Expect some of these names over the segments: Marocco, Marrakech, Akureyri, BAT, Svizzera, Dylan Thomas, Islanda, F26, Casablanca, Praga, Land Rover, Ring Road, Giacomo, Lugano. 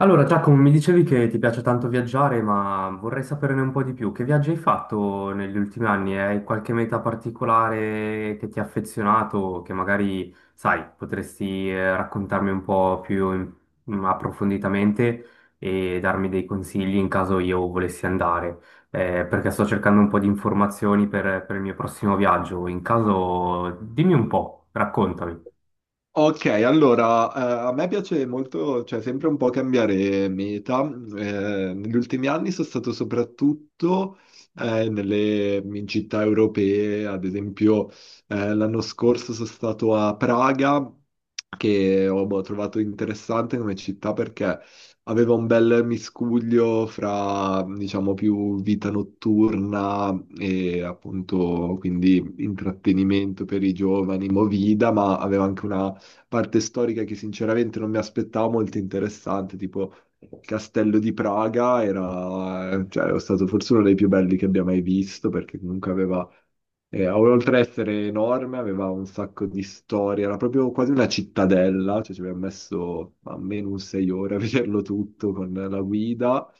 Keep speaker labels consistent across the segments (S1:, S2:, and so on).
S1: Allora, Giacomo, mi dicevi che ti piace tanto viaggiare, ma vorrei saperne un po' di più. Che viaggi hai fatto negli ultimi anni? Hai qualche meta particolare che ti ha affezionato, che magari, sai, potresti raccontarmi un po' più approfonditamente e darmi dei consigli in caso io volessi andare? Perché sto cercando un po' di informazioni per il mio prossimo viaggio. In caso, dimmi un po', raccontami.
S2: Ok, allora, a me piace molto, cioè sempre un po' cambiare meta. Negli ultimi anni sono stato soprattutto nelle in città europee, ad esempio l'anno scorso sono stato a Praga, che ho boh, trovato interessante come città perché aveva un bel miscuglio fra, diciamo, più vita notturna e appunto quindi intrattenimento per i giovani, movida, ma aveva anche una parte storica che sinceramente non mi aspettavo molto interessante, tipo il Castello di Praga era, cioè, è stato forse uno dei più belli che abbia mai visto, perché comunque aveva, oltre ad essere enorme, aveva un sacco di storie, era proprio quasi una cittadella, cioè ci abbiamo messo almeno un sei ore a vederlo tutto con la guida.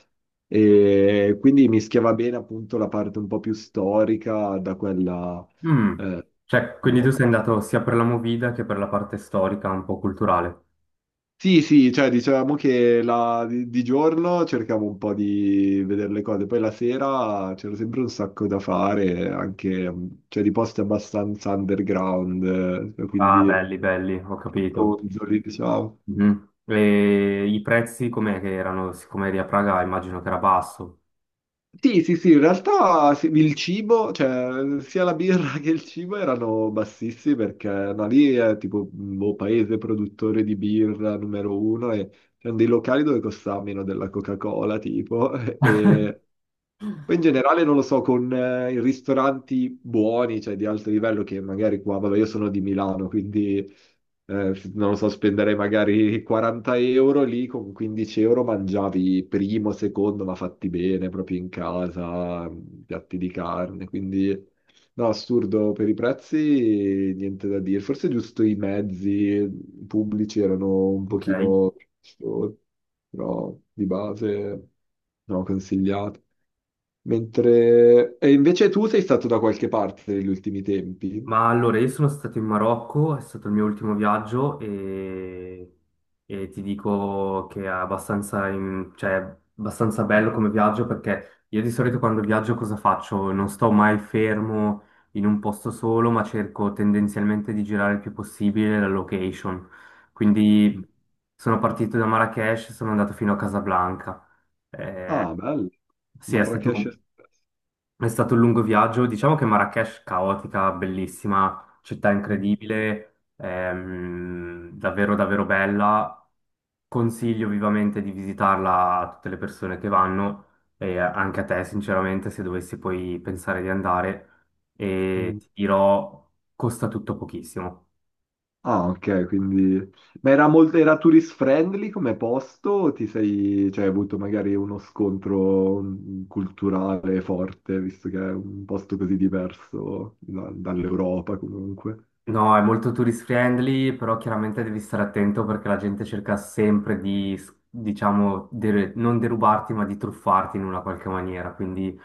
S2: E quindi mischiava bene appunto la parte un po' più storica da quella
S1: Mm.
S2: eh,
S1: Cioè,
S2: un
S1: quindi tu
S2: po'.
S1: sei andato sia per la movida che per la parte storica, un po' culturale.
S2: Sì, sì, cioè dicevamo che di giorno cercavo un po' di vedere le cose, poi la sera c'era sempre un sacco da fare, anche cioè, di posti abbastanza underground,
S1: Ah,
S2: quindi
S1: belli, belli, ho capito.
S2: ronzoli, diciamo.
S1: Mhm. E i prezzi com'è che erano? Siccome eri a Praga, immagino che era basso.
S2: Sì, sì, sì, in realtà sì, il cibo, cioè sia la birra che il cibo erano bassissimi perché no, lì è tipo un boh, paese produttore di birra numero uno e c'erano dei locali dove costava meno della Coca-Cola, tipo, e poi in generale non lo so, con i ristoranti buoni, cioè di alto livello, che magari qua, vabbè, io sono di Milano, quindi non lo so, spenderei magari 40 € lì, con 15 € mangiavi primo, secondo, ma fatti bene, proprio in casa, piatti di carne, quindi no, assurdo per i prezzi, niente da dire. Forse giusto i mezzi pubblici erano un
S1: Ok.
S2: pochino, però di base no, consigliato. Mentre. E invece tu sei stato da qualche parte negli ultimi tempi?
S1: Ma allora, io sono stato in Marocco, è stato il mio ultimo viaggio e ti dico che è abbastanza, cioè, è abbastanza
S2: Mm.
S1: bello come viaggio perché io di solito quando viaggio cosa faccio? Non sto mai fermo in un posto solo, ma cerco tendenzialmente di girare il più possibile la location. Quindi sono partito da Marrakech e sono andato fino a Casablanca. Eh,
S2: Ah, bello.
S1: sì, è stato,
S2: Marrakesh Express.
S1: è stato un lungo viaggio, diciamo che Marrakech caotica, bellissima, città
S2: Mm.
S1: incredibile, davvero davvero bella. Consiglio vivamente di visitarla a tutte le persone che vanno e anche a te sinceramente se dovessi poi pensare di andare e
S2: Mm.
S1: ti dirò costa tutto pochissimo.
S2: Ah, ok, quindi. Ma era molto, era tourist friendly come posto? O ti sei, cioè hai avuto magari uno scontro culturale forte, visto che è un posto così diverso dall'Europa comunque?
S1: No, è molto tourist friendly, però chiaramente devi stare attento perché la gente cerca sempre di, diciamo, non derubarti, ma di truffarti in una qualche maniera. Quindi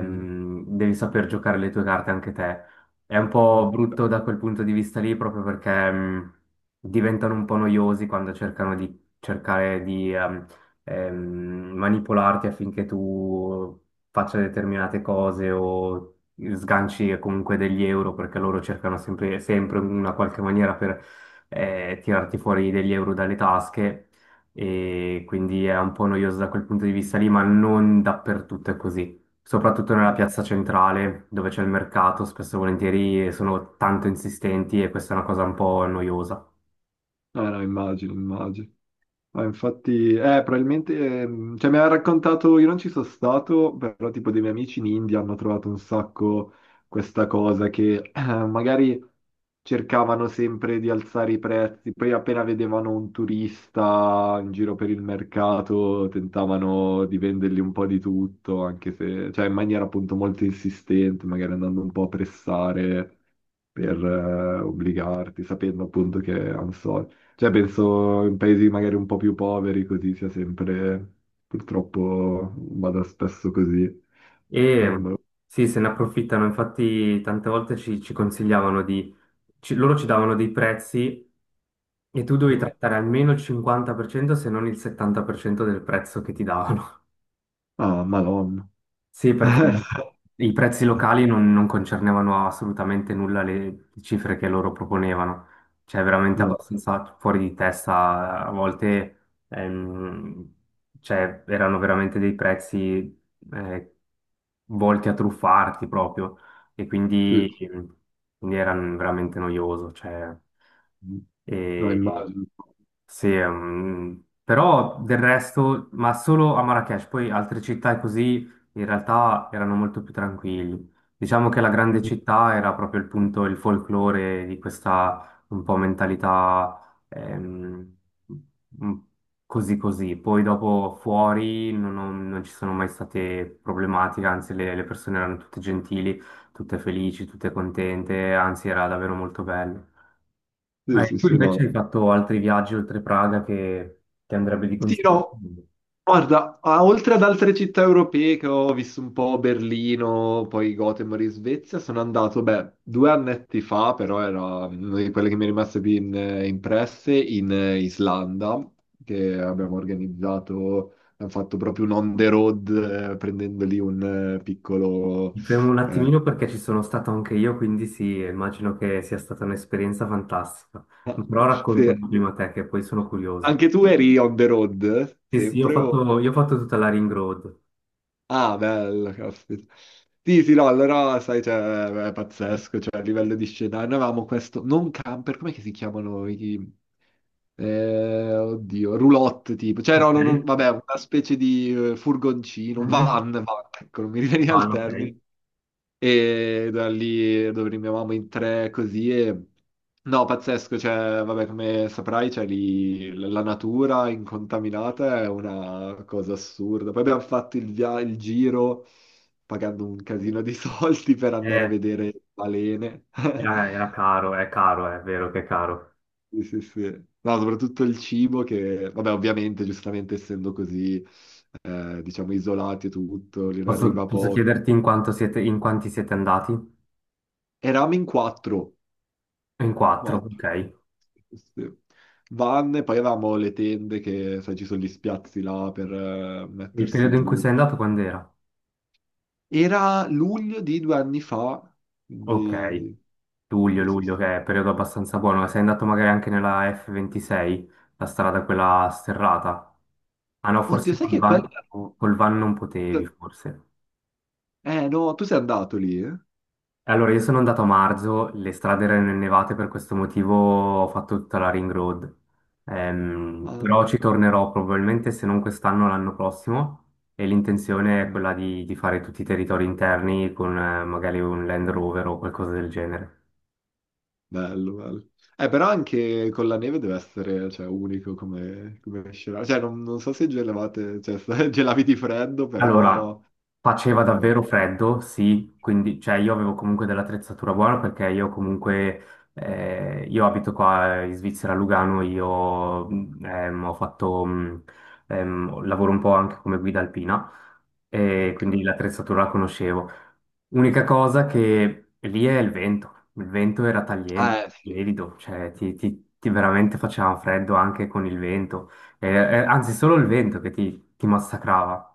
S2: Mm.
S1: devi saper giocare le tue carte anche te. È un
S2: Ok.
S1: po' brutto da quel punto di vista lì, proprio perché diventano un po' noiosi quando cercano di cercare di ehm, manipolarti affinché tu faccia determinate cose o sganci e comunque degli euro, perché loro cercano sempre, sempre in una qualche maniera per tirarti fuori degli euro dalle tasche e quindi è un po' noioso da quel punto di vista lì, ma non dappertutto è così. Soprattutto nella piazza centrale, dove c'è il mercato, spesso e volentieri sono tanto insistenti e questa è una cosa un po' noiosa.
S2: Ah, no, immagino, immagino. Ah, infatti, probabilmente, cioè mi ha raccontato, io non ci sono stato, però tipo dei miei amici in India hanno trovato un sacco questa cosa che magari cercavano sempre di alzare i prezzi, poi appena vedevano un turista in giro per il mercato tentavano di vendergli un po' di tutto, anche se, cioè in maniera appunto molto insistente, magari andando un po' a pressare per obbligarti, sapendo appunto che hanno soldi. Cioè, penso in paesi magari un po' più poveri, così sia sempre, purtroppo vada spesso così. No,
S1: E sì, se ne approfittano, infatti tante volte ci, ci consigliavano di... loro ci davano dei prezzi. E tu dovevi
S2: no.
S1: trattare almeno il 50% se non il 70% del prezzo che ti davano.
S2: Ah, Madonna.
S1: Sì, perché i prezzi locali non, non concernevano assolutamente nulla le cifre che loro proponevano, cioè veramente
S2: No,
S1: abbastanza fuori di testa, a volte ehm, cioè, erano veramente dei prezzi eh, volti a truffarti proprio e
S2: sì,
S1: quindi, quindi era veramente noioso. Cioè,
S2: sì. No,
S1: e-
S2: immagino.
S1: sì, però del resto, ma solo a Marrakech, poi altre città e così in realtà erano molto più tranquilli. Diciamo che la grande città era proprio il punto, il folklore di questa un po' mentalità mm, così così. Poi dopo fuori non, non ci sono mai state problematiche, anzi le persone erano tutte gentili, tutte felici, tutte contente, anzi era davvero molto bello.
S2: Sì, sì,
S1: Tu
S2: sì, no.
S1: invece
S2: No.
S1: hai fatto altri viaggi oltre Praga che ti andrebbe di
S2: Sì, no.
S1: consigliare?
S2: Guarda, oltre ad altre città europee che ho visto un po' Berlino, poi Gothenburg in Svezia, sono andato, beh, due annetti fa, però era una di quelle che mi è rimasta più impresse, in Islanda, che abbiamo organizzato, abbiamo fatto proprio un on the road, prendendo lì un piccolo.
S1: Mi fermo un
S2: eh,
S1: attimino perché ci sono stato anche io, quindi sì, immagino che sia stata un'esperienza fantastica. Però
S2: sì.
S1: raccontami prima te, che poi sono curioso.
S2: Anche tu eri on the road,
S1: Sì, sì,
S2: sempre o?
S1: io ho fatto tutta la Ring Road.
S2: Ah, bello, caspita. Sì, sì, no, allora, sai, cioè, è pazzesco, cioè, a livello di scenario, noi avevamo questo, non camper, com'è che si chiamano i, oddio, roulotte, tipo, cioè, no,
S1: Ok?
S2: no, no, vabbè, una specie di furgoncino,
S1: Mhm.
S2: van, van, ecco, non mi riveniva il
S1: Vanno, ok.
S2: termine, e da lì dove rinviavamo in tre così e. No, pazzesco, cioè, vabbè, come saprai, cioè, lì la natura incontaminata è una cosa assurda. Poi abbiamo fatto il giro pagando un casino di soldi per andare a
S1: Eh,
S2: vedere balene.
S1: era caro, è vero che è caro.
S2: Sì, sì, sì. No, soprattutto il cibo che, vabbè, ovviamente, giustamente essendo così, diciamo, isolati e tutto, lì ne
S1: Posso,
S2: arriva
S1: posso
S2: poco.
S1: chiederti in quanti siete andati?
S2: Eravamo in quattro.
S1: In quattro,
S2: Quattro.
S1: ok. E
S2: Sì. Vanne, poi avevamo le tende che, sai, ci sono gli spiazzi là per
S1: il
S2: mettersi
S1: periodo in cui
S2: giù.
S1: sei andato quando era?
S2: Era luglio di due anni fa,
S1: Ok.
S2: quindi.
S1: Luglio,
S2: Sì, sì, sì.
S1: luglio, che è periodo abbastanza buono. Sei andato magari anche nella F26, la strada quella sterrata? Ah no,
S2: Oddio,
S1: forse
S2: sai che quella, no.
S1: col van non potevi, forse.
S2: Eh no, tu sei andato lì, eh?
S1: E allora, io sono andato a marzo, le strade erano innevate, per questo motivo ho fatto tutta la ring road.
S2: Ah, no.
S1: Però ci tornerò probabilmente, se non quest'anno, l'anno prossimo. E l'intenzione è
S2: Mm,
S1: quella di fare tutti i territori interni con magari un Land Rover o qualcosa del genere.
S2: bello, bello. Però anche con la neve deve essere, cioè, unico come scenario. Cioè, non so se gelavate, cioè, se gelavi di freddo,
S1: Allora,
S2: però.
S1: faceva
S2: Ok.
S1: davvero freddo, sì, quindi cioè, io avevo comunque dell'attrezzatura buona perché io comunque, io abito qua in Svizzera, a Lugano, lavoro un po' anche come guida alpina e quindi l'attrezzatura la conoscevo. Unica cosa che lì è il vento era tagliente,
S2: Sì.
S1: gelido, cioè ti, ti veramente faceva freddo anche con il vento. Anzi solo il vento che ti massacrava.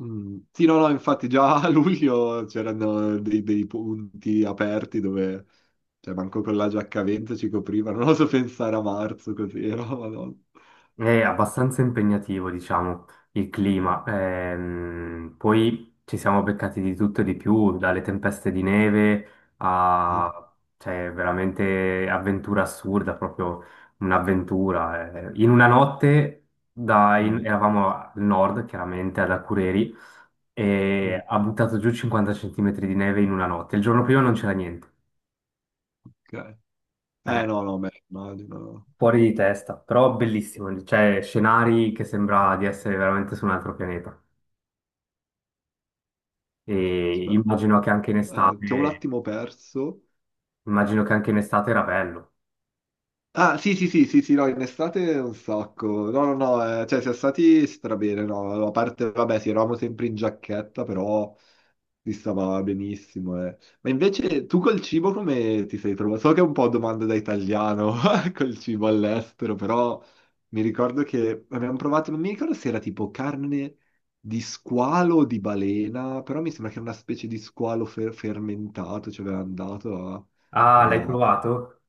S2: Mm. Sì, no, no, infatti già a luglio c'erano dei punti aperti dove, cioè, manco con la giacca a vento ci coprivano, non oso pensare a marzo così, era, madonna.
S1: È abbastanza impegnativo, diciamo, il clima. Poi ci siamo beccati di tutto e di più, dalle tempeste di neve a, cioè, veramente avventura assurda, proprio un'avventura. Eh. In una notte
S2: Mm,
S1: eravamo al nord, chiaramente, ad Akureyri,
S2: mm,
S1: e ha buttato giù 50 centimetri di neve in una notte. Il giorno prima non c'era niente.
S2: ok.
S1: Eh.
S2: No, no, beh, immagino.
S1: Fuori di testa, però bellissimo, cioè scenari che sembra di essere veramente su un altro pianeta. E
S2: Aspetta,
S1: immagino che anche in
S2: ti ho un
S1: estate,
S2: attimo perso.
S1: immagino che anche in estate era bello.
S2: Ah, sì, sì, sì, sì, sì, no, in estate un sacco. No, no, no, cioè, siamo stati strabene, no, a parte, vabbè, sì, eravamo sempre in giacchetta, però. Si stava benissimo. Eh. Ma invece tu col cibo come ti sei trovato? So che è un po' domanda da italiano col cibo all'estero, però mi ricordo che abbiamo provato, non mi ricordo se era tipo carne di squalo o di balena, però mi sembra che era una specie di squalo fermentato, ci avevano dato a
S1: Ah, l'hai
S2: una.
S1: provato?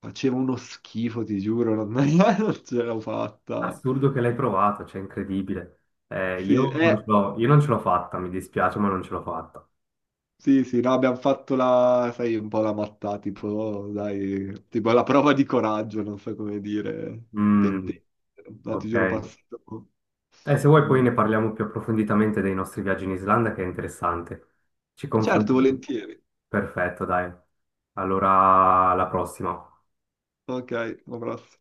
S2: Faceva uno schifo, ti giuro, non, non ce l'ho fatta.
S1: Assurdo che l'hai provato, cioè incredibile.
S2: Sì, eh.
S1: Io non ce l'ho fatta, mi dispiace, ma non ce l'ho fatta.
S2: Sì, sì, no, abbiamo fatto la, sai, un po' la mattata, tipo, oh, dai, tipo la prova di coraggio, non so come dire,
S1: Mm,
S2: pentente, no, ti
S1: ok.
S2: giuro passato.
S1: Se vuoi poi
S2: Mm.
S1: ne parliamo più approfonditamente dei nostri viaggi in Islanda, che è interessante. Ci
S2: Certo,
S1: confrontiamo.
S2: volentieri.
S1: Perfetto, dai. Allora, alla prossima.
S2: Ok, un abbraccio.